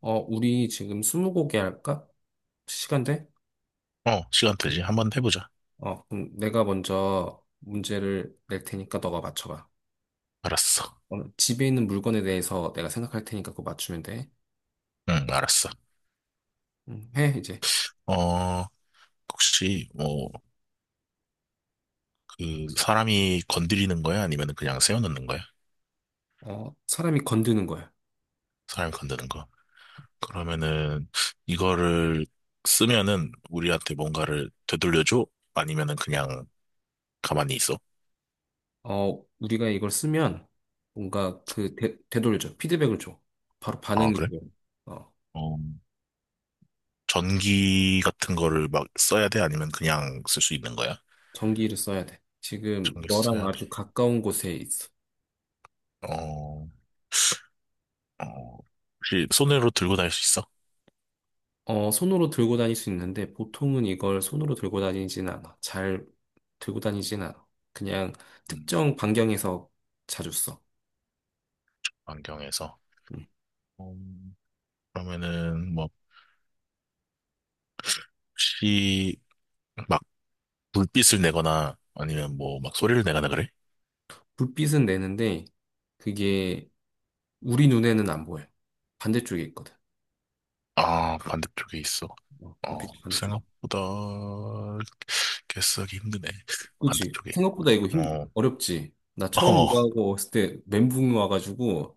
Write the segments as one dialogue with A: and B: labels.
A: 우리 지금 스무고개 할까? 시간 돼?
B: 어, 시간 되지. 한번 해보자.
A: 그럼 내가 먼저 문제를 낼 테니까 너가 맞춰봐.
B: 알았어.
A: 집에 있는 물건에 대해서 내가 생각할 테니까 그거 맞추면 돼.
B: 응, 알았어.
A: 해, 이제.
B: 어, 혹시, 뭐, 그, 사람이 건드리는 거야? 아니면 그냥 세워놓는 거야?
A: 사람이 건드는 거야.
B: 사람이 건드는 거. 그러면은, 이거를 쓰면은 우리한테 뭔가를 되돌려줘? 아니면은 그냥 가만히 있어?
A: 우리가 이걸 쓰면 뭔가 되돌려 줘. 피드백을 줘. 바로
B: 아,
A: 반응이
B: 그래?
A: 보여. 어,
B: 어, 전기 같은 거를 막 써야 돼? 아니면 그냥 쓸 수 있는 거야?
A: 전기를 써야 돼. 지금
B: 전기
A: 너랑
B: 써야 돼.
A: 아주 가까운 곳에 있어.
B: 어, 어, 혹시 손으로 들고 다닐 수 있어?
A: 손으로 들고 다닐 수 있는데 보통은 이걸 손으로 들고 다니진 않아. 잘 들고 다니진 않아. 그냥
B: 음,
A: 특정 반경에서 자주 써.
B: 안경에서.
A: 음.
B: 음, 그러면은 뭐 혹시 막 불빛을 내거나 아니면 뭐 막 소리를 내거나 그래?
A: 불빛은 내는데 그게 우리 눈에는 안 보여. 반대쪽에 있거든.
B: 아 반대쪽에 있어. 어
A: 불빛 반대쪽.
B: 생각보다 개수하기 힘드네.
A: 그치?
B: 반대쪽에 있고. 어,
A: 어렵지? 나 처음
B: 어,
A: 이거 하고 왔을 때 멘붕이 와가지고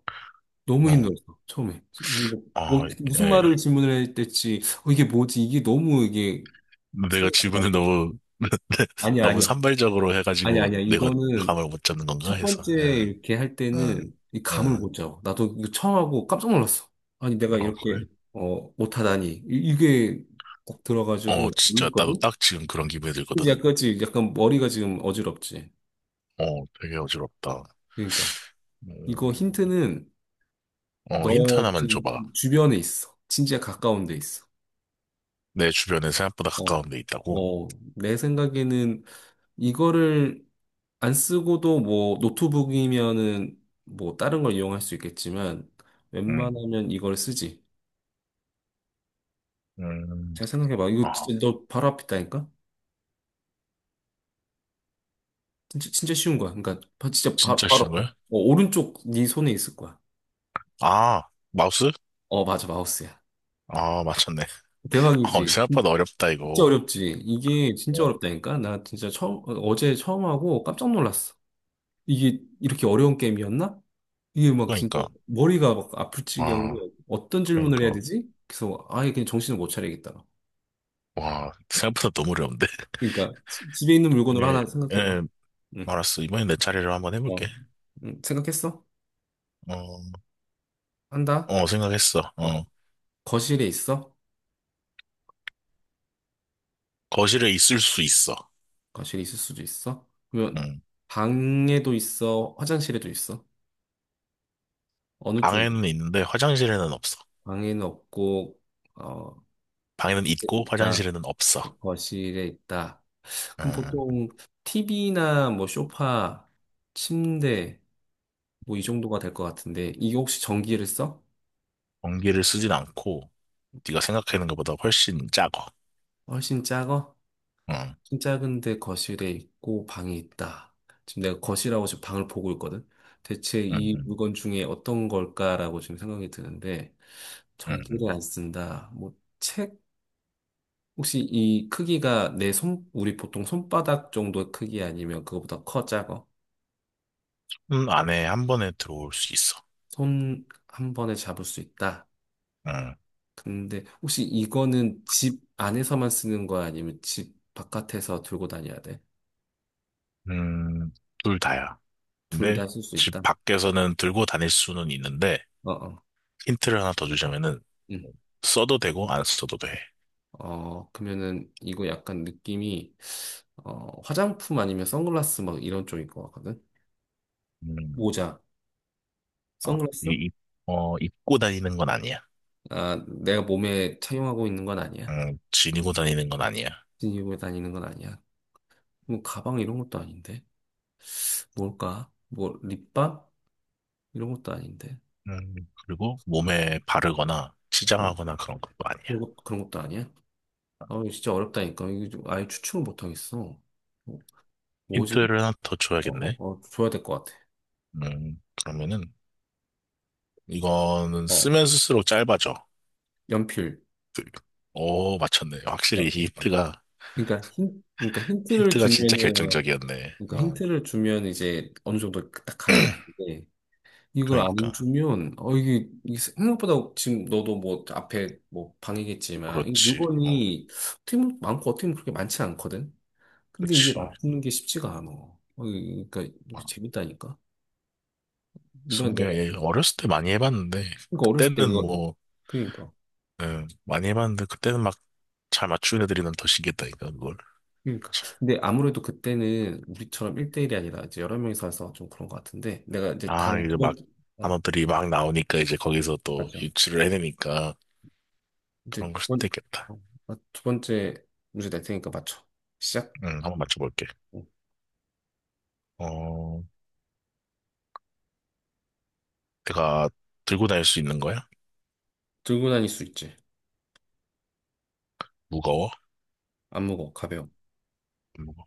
A: 너무
B: 어,
A: 힘들었어. 처음에. 이거
B: 아,
A: 무슨
B: 예.
A: 말을 질문을 해야 될지, 어, 이게 뭐지? 이게 너무 이게
B: 내가
A: 생각이 안
B: 질문을
A: 나는 거야.
B: 너무
A: 아니야,
B: 너무
A: 아니야.
B: 산발적으로
A: 아니,
B: 해가지고
A: 아니야.
B: 내가
A: 이거는
B: 감을 못 잡는 건가
A: 첫
B: 해서.
A: 번째
B: 응,
A: 이렇게 할
B: 응,
A: 때는 이 감을
B: 응.
A: 못 잡아. 나도 이거 처음 하고 깜짝 놀랐어. 아니, 내가
B: 어
A: 이렇게,
B: 그래?
A: 어, 못하다니. 이게 딱
B: 어
A: 들어가지고
B: 진짜 나도
A: 놀랐거든?
B: 딱 지금 그런 기분이
A: 이제
B: 들거든.
A: 약간, 약간 머리가 지금 어지럽지.
B: 어, 되게 어지럽다.
A: 그러니까. 이거
B: 음,
A: 힌트는
B: 어, 힌트
A: 너
B: 하나만
A: 지금
B: 줘봐.
A: 주변에 있어. 진짜 가까운 데 있어.
B: 내 주변에 생각보다
A: 어,
B: 가까운 데 있다고?
A: 어, 내 생각에는 이거를 안 쓰고도 뭐 노트북이면은 뭐 다른 걸 이용할 수 있겠지만
B: 음,
A: 웬만하면 이걸 쓰지.
B: 음,
A: 잘 생각해봐. 이거
B: 아,
A: 진짜 너 바로 앞 있다니까 진짜, 쉬운 거야. 그러니까 바- 진짜 바,
B: 진짜
A: 바로
B: 쉬운
A: 앞. 어,
B: 거야?
A: 오른쪽 네 손에 있을 거야.
B: 아, 마우스?
A: 어, 맞아. 마우스야.
B: 아, 맞췄네. 어,
A: 대박이지.
B: 생각보다 어렵다,
A: 진짜
B: 이거.
A: 어렵지. 이게 진짜
B: 어,
A: 어렵다니까? 나 진짜 처음, 어, 어제 처음 하고 깜짝 놀랐어. 이게 이렇게 어려운 게임이었나? 이게 막 진짜
B: 그러니까.
A: 머리가 막 아플
B: 아,
A: 지경으로 어떤 질문을 해야
B: 그러니까.
A: 되지? 그래서 아예 그냥 정신을 못 차리겠다.
B: 와, 생각보다 너무 어려운데?
A: 그러니까 집에 있는 물건으로
B: 이게,
A: 하나 생각해봐.
B: 예,
A: 응.
B: 알았어. 이번엔 내 차례를 한번 해볼게.
A: 어. 응. 생각했어?
B: 어,
A: 한다?
B: 어, 생각했어.
A: 어.
B: 어,
A: 거실에 있어?
B: 거실에 있을 수 있어.
A: 거실에 있을 수도 있어? 그러면
B: 응.
A: 방에도 있어? 화장실에도 있어? 어느 쪽에
B: 방에는
A: 있어?
B: 있는데 화장실에는 없어.
A: 방에는 없고 어
B: 방에는 있고
A: 있다.
B: 화장실에는 없어.
A: 거실에 있다. 그럼
B: 음,
A: 보통 TV나 뭐 소파, 침대 뭐 이 정도가 될 것 같은데 이게 혹시 전기를 써?
B: 전기를 쓰진 않고 네가 생각하는 것보다 훨씬 작아.
A: 훨씬 작아? 진 작은데 거실에 있고 방이 있다. 지금 내가 거실하고 지금 방을 보고 있거든. 대체 이
B: 응,
A: 물건 중에 어떤 걸까라고 지금 생각이 드는데
B: 응, 응,
A: 전기를
B: 응,
A: 안 쓴다. 뭐 책? 혹시 이 크기가 내 손, 우리 보통 손바닥 정도의 크기 아니면 그거보다 커, 작아?
B: 응. 안에 한 번에 들어올 수 있어.
A: 손 한 번에 잡을 수 있다. 근데 혹시 이거는 집 안에서만 쓰는 거야? 아니면 집 바깥에서 들고 다녀야 돼?
B: 응, 둘 다야.
A: 둘
B: 근데
A: 다 쓸 수
B: 집
A: 있다?
B: 밖에서는 들고 다닐 수는 있는데
A: 어어.
B: 힌트를 하나 더 주자면은 써도 되고 안 써도 돼.
A: 어, 그러면은 이거 약간 느낌이 어, 화장품 아니면 선글라스 막 이런 쪽인 것 같거든?
B: 음,
A: 모자,
B: 아, 이,
A: 선글라스?
B: 이- 어, 입고 다니는 건 아니야.
A: 아, 내가 몸에 착용하고 있는 건 아니야.
B: 지니고 다니는 건 아니야.
A: 지니고 다니는 건 아니야. 뭐 가방 이런 것도 아닌데. 뭘까? 뭐 립밤? 이런 것도 아닌데.
B: 음, 그리고 몸에 바르거나
A: 어,
B: 치장하거나 그런 것도 아니야.
A: 그런 것도 아니야? 아, 이거 진짜 어렵다니까. 이거 좀 아예 추측을 못 하겠어. 어, 뭐지?
B: 힌트를 하나 더
A: 어, 어,
B: 줘야겠네.
A: 어, 줘야 될 것 같아.
B: 그러면은, 이거는
A: 어,
B: 쓰면 쓸수록 짧아져.
A: 연필.
B: 그- 오, 맞췄네. 확실히 이 힌트가,
A: 그러니까 힌트를
B: 힌트가 진짜
A: 주면은
B: 결정적이었네.
A: 그러니까
B: 어,
A: 힌트를 주면 이제 어느 정도 딱 감이 되는데 이걸 안
B: 그러니까.
A: 주면 어 이게 생각보다 지금 너도 뭐 앞에 뭐 방이겠지만 이
B: 그렇지. 어,
A: 물건이 어떻게 보면 많고 어떻게 보면 그렇게 많지 않거든. 근데 이게
B: 그렇지.
A: 맞추는 게 쉽지가 않아. 그러니까 이거
B: 어,
A: 재밌다니까. 이번에
B: 20개,
A: 내가
B: 예, 어렸을 때 많이 해봤는데,
A: 그러니까 어렸을 때
B: 그때는
A: 이거
B: 뭐,
A: 그러니까
B: 예, 많이 해봤는데, 그때는 막 잘 맞추는 애들이면 더 신기했다니까, 그걸.
A: 그러니까
B: 참.
A: 근데 아무래도 그때는 우리처럼 1대1이 아니라 이제 여러 명이서 해서 좀 그런 것 같은데 내가 이제
B: 아,
A: 다음
B: 이제
A: 두
B: 막
A: 번째 어
B: 단어들이 막 나오니까 이제 거기서 또
A: 맞아.
B: 유출을 해내니까
A: 이제
B: 그런 걸
A: 두
B: 수도
A: 번,
B: 있겠다.
A: 두 번째 문제 낼 테니까 맞춰. 시작.
B: 응, 한번 맞춰볼게.
A: 어.
B: 어, 내가 들고 다닐 수 있는 거야?
A: 들고 다닐 수 있지.
B: 무거워?
A: 안 무거워. 가벼워.
B: 안 무거워.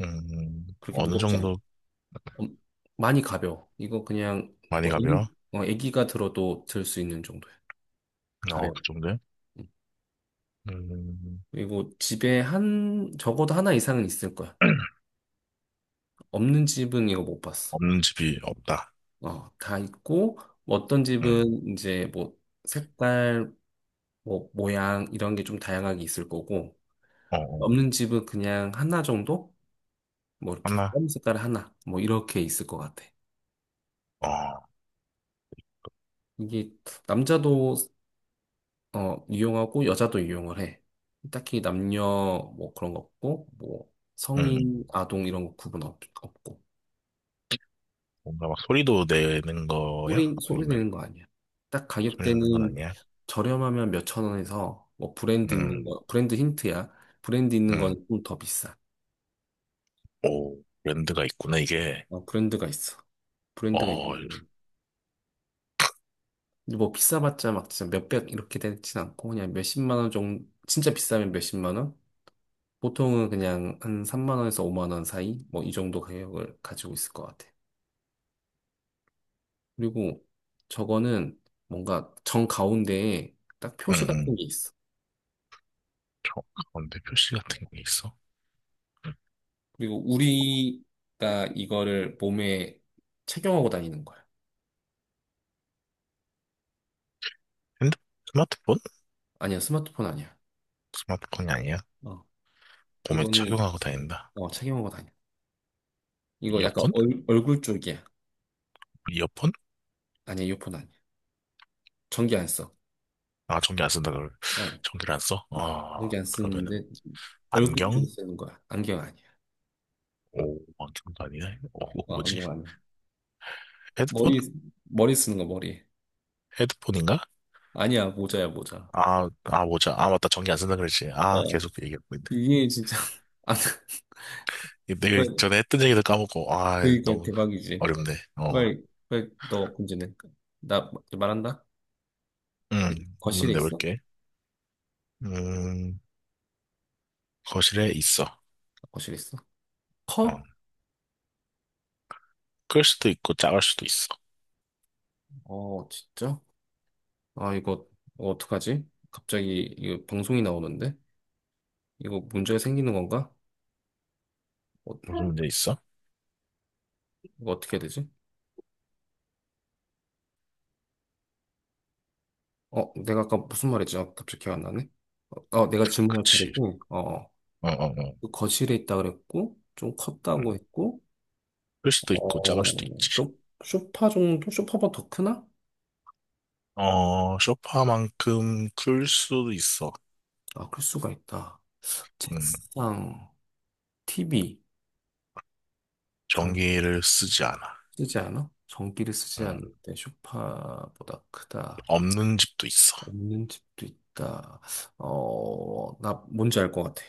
A: 그렇게
B: 어느
A: 무겁지 않아.
B: 정도
A: 엄- 많이 가벼워. 이거 그냥
B: 많이
A: 뭐 애기,
B: 가벼워?
A: 어, 애기가 들어도 들 수 있는 정도야.
B: 어,
A: 가벼워.
B: 그 정도야?
A: 응.
B: 음,
A: 그리고 집에 한, 적어도 하나 이상은 있을 거야. 없는 집은 이거 못 봤어.
B: 없는 집이 없다.
A: 어, 다 있고, 뭐 어떤
B: 음,
A: 집은 이제 뭐 색깔, 뭐 모양 이런 게 좀 다양하게 있을 거고,
B: 어, 어,
A: 없는 집은 그냥 하나 정도? 뭐 이렇게
B: 하나?
A: 껌 색깔 하나 뭐 이렇게 있을 것 같아.
B: 어,
A: 이게 남자도 어 이용하고 여자도 이용을 해. 딱히 남녀 뭐 그런 거 없고 뭐
B: 음,
A: 성인 아동 이런 거 없고
B: 뭔가 막 소리도 내는 거야?
A: 소리
B: 아니면
A: 내는 거 아니야. 딱
B: 소리 내는 건
A: 가격대는
B: 아니야?
A: 저렴하면 몇 천 원에서 뭐 브랜드 있는
B: 음,
A: 거 브랜드 힌트야. 브랜드 있는 건
B: 음,
A: 좀 더 비싸.
B: 오, 랜드가 있구나, 이게.
A: 어, 브랜드가 있어. 브랜드가
B: 어,
A: 있는 거. 근데 뭐 비싸봤자 막 진짜 몇 백 이렇게 되진 않고 그냥 몇십만 원 정도 진짜 비싸면 몇십만 원? 보통은 그냥 한 3만 원에서 5만 원 사이 뭐 이 정도 가격을 가지고 있을 것 같아. 그리고 저거는 뭔가 정 가운데에 딱 표시 같은
B: 음,
A: 게 있어.
B: 저 가운데 표시 같은 게 있어?
A: 그리고 우리가 이거를 몸에 착용하고 다니는 거야.
B: 핸드, 스마트폰?
A: 아니야, 스마트폰 아니야.
B: 스마트폰이 아니야?
A: 어,
B: 몸에
A: 이거는
B: 착용하고 다닌다.
A: 어, 착용하고 다녀. 이거 약간
B: 이어폰?
A: 얼굴 쪽이야.
B: 이어폰?
A: 아니야, 이어폰 아니야. 전기 안 써.
B: 아, 전기 안 쓴다, 그걸.
A: 어,
B: 전기를 안 써? 아,
A: 전기 안
B: 그러면은,
A: 쓰는데 얼굴 쪽에
B: 안경?
A: 쓰는 거야. 안경 아니야.
B: 오, 안경도 아니네. 오,
A: 어,
B: 뭐지?
A: 안경 아니야.
B: 헤드폰?
A: 머리 머리 쓰는 거 머리.
B: 헤드폰인가?
A: 아니야, 모자야, 모자.
B: 아, 아, 뭐지? 아, 맞다. 전기 안 쓴다 그랬지. 아,
A: 어.
B: 계속 그 얘기하고 있네.
A: 이게 진짜, 아,
B: 이거 내가
A: 정말,
B: 전에 했던 얘기도 까먹고, 아,
A: 그니까
B: 너무
A: 대박이지.
B: 어렵네. 어,
A: 너 문제는. 나 말한다?
B: 한번
A: 거실에 있어?
B: 내볼게. 음, 거실에 있어.
A: 거실에 있어?
B: 어,
A: 커?
B: 클 수도 있고, 작을 수도 있어.
A: 어, 진짜? 아, 이거, 어, 어떡하지? 갑자기, 이거 방송이 나오는데? 이거 문제가 생기는 건가? 어,
B: 무슨 문제 있어?
A: 이거 어떻게 해야 되지? 어, 내가 아까 무슨 말했지? 아, 갑자기 기억 안 나네? 어, 내가 질문할
B: 그치.
A: 차례고, 어.
B: 어, 어, 어.
A: 그 거실에 있다 그랬고, 좀
B: 응.
A: 컸다고 했고,
B: 클 수도 있고, 작을
A: 어,
B: 수도 있지.
A: 쇼, 쇼파 정도? 쇼파보다 더 크나?
B: 어, 소파만큼 클 수도 있어.
A: 아, 클 수가 있다.
B: 음,
A: 책상, TV, 정,
B: 전기를 쓰지 않아.
A: 쓰지 않아? 전기를 쓰지 않을
B: 음,
A: 때 쇼파보다 크다.
B: 없는 집도 있어.
A: 없는 집도 있다. 어, 나 뭔지 알 것 같아.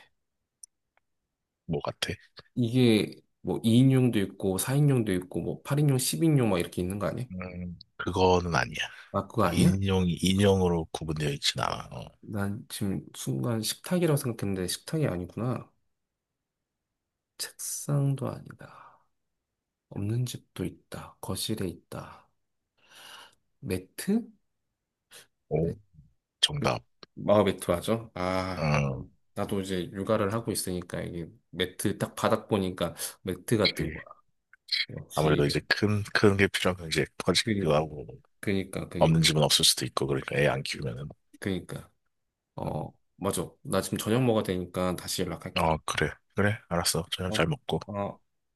B: 뭐 같아?
A: 이게 뭐 2인용도 있고, 4인용도 있고, 뭐 8인용, 10인용 막 이렇게 있는 거 아니야?
B: 그거는 아니야.
A: 아, 그거 아니야?
B: 인형이 인형으로 구분되어 있진 않아. 어.
A: 난 지금 순간 식탁이라고 생각했는데 식탁이 아니구나. 책상도 아니다. 없는 집도 있다. 거실에 있다. 매트? 네.
B: 오, 정답.
A: 아, 매트 하죠? 아, 이거
B: 어
A: 나도 이제 육아를 하고 있으니까 이게 매트 딱 바닥 보니까 매트 같은
B: 그치.
A: 거야.
B: 아무래도 이제
A: 역시,
B: 큰, 큰 게 필요하면 이제 커지기도
A: 그,
B: 하고,
A: 그니까, 그니,
B: 없는 집은 없을 수도 있고, 그러니까 애 안 키우면은.
A: 그니까.
B: 음.
A: 어, 맞아. 나 지금 저녁 먹어야 되니까 다시 연락할게.
B: 어, 그래. 그래. 알았어. 저녁
A: 어,
B: 잘 먹고.
A: 어.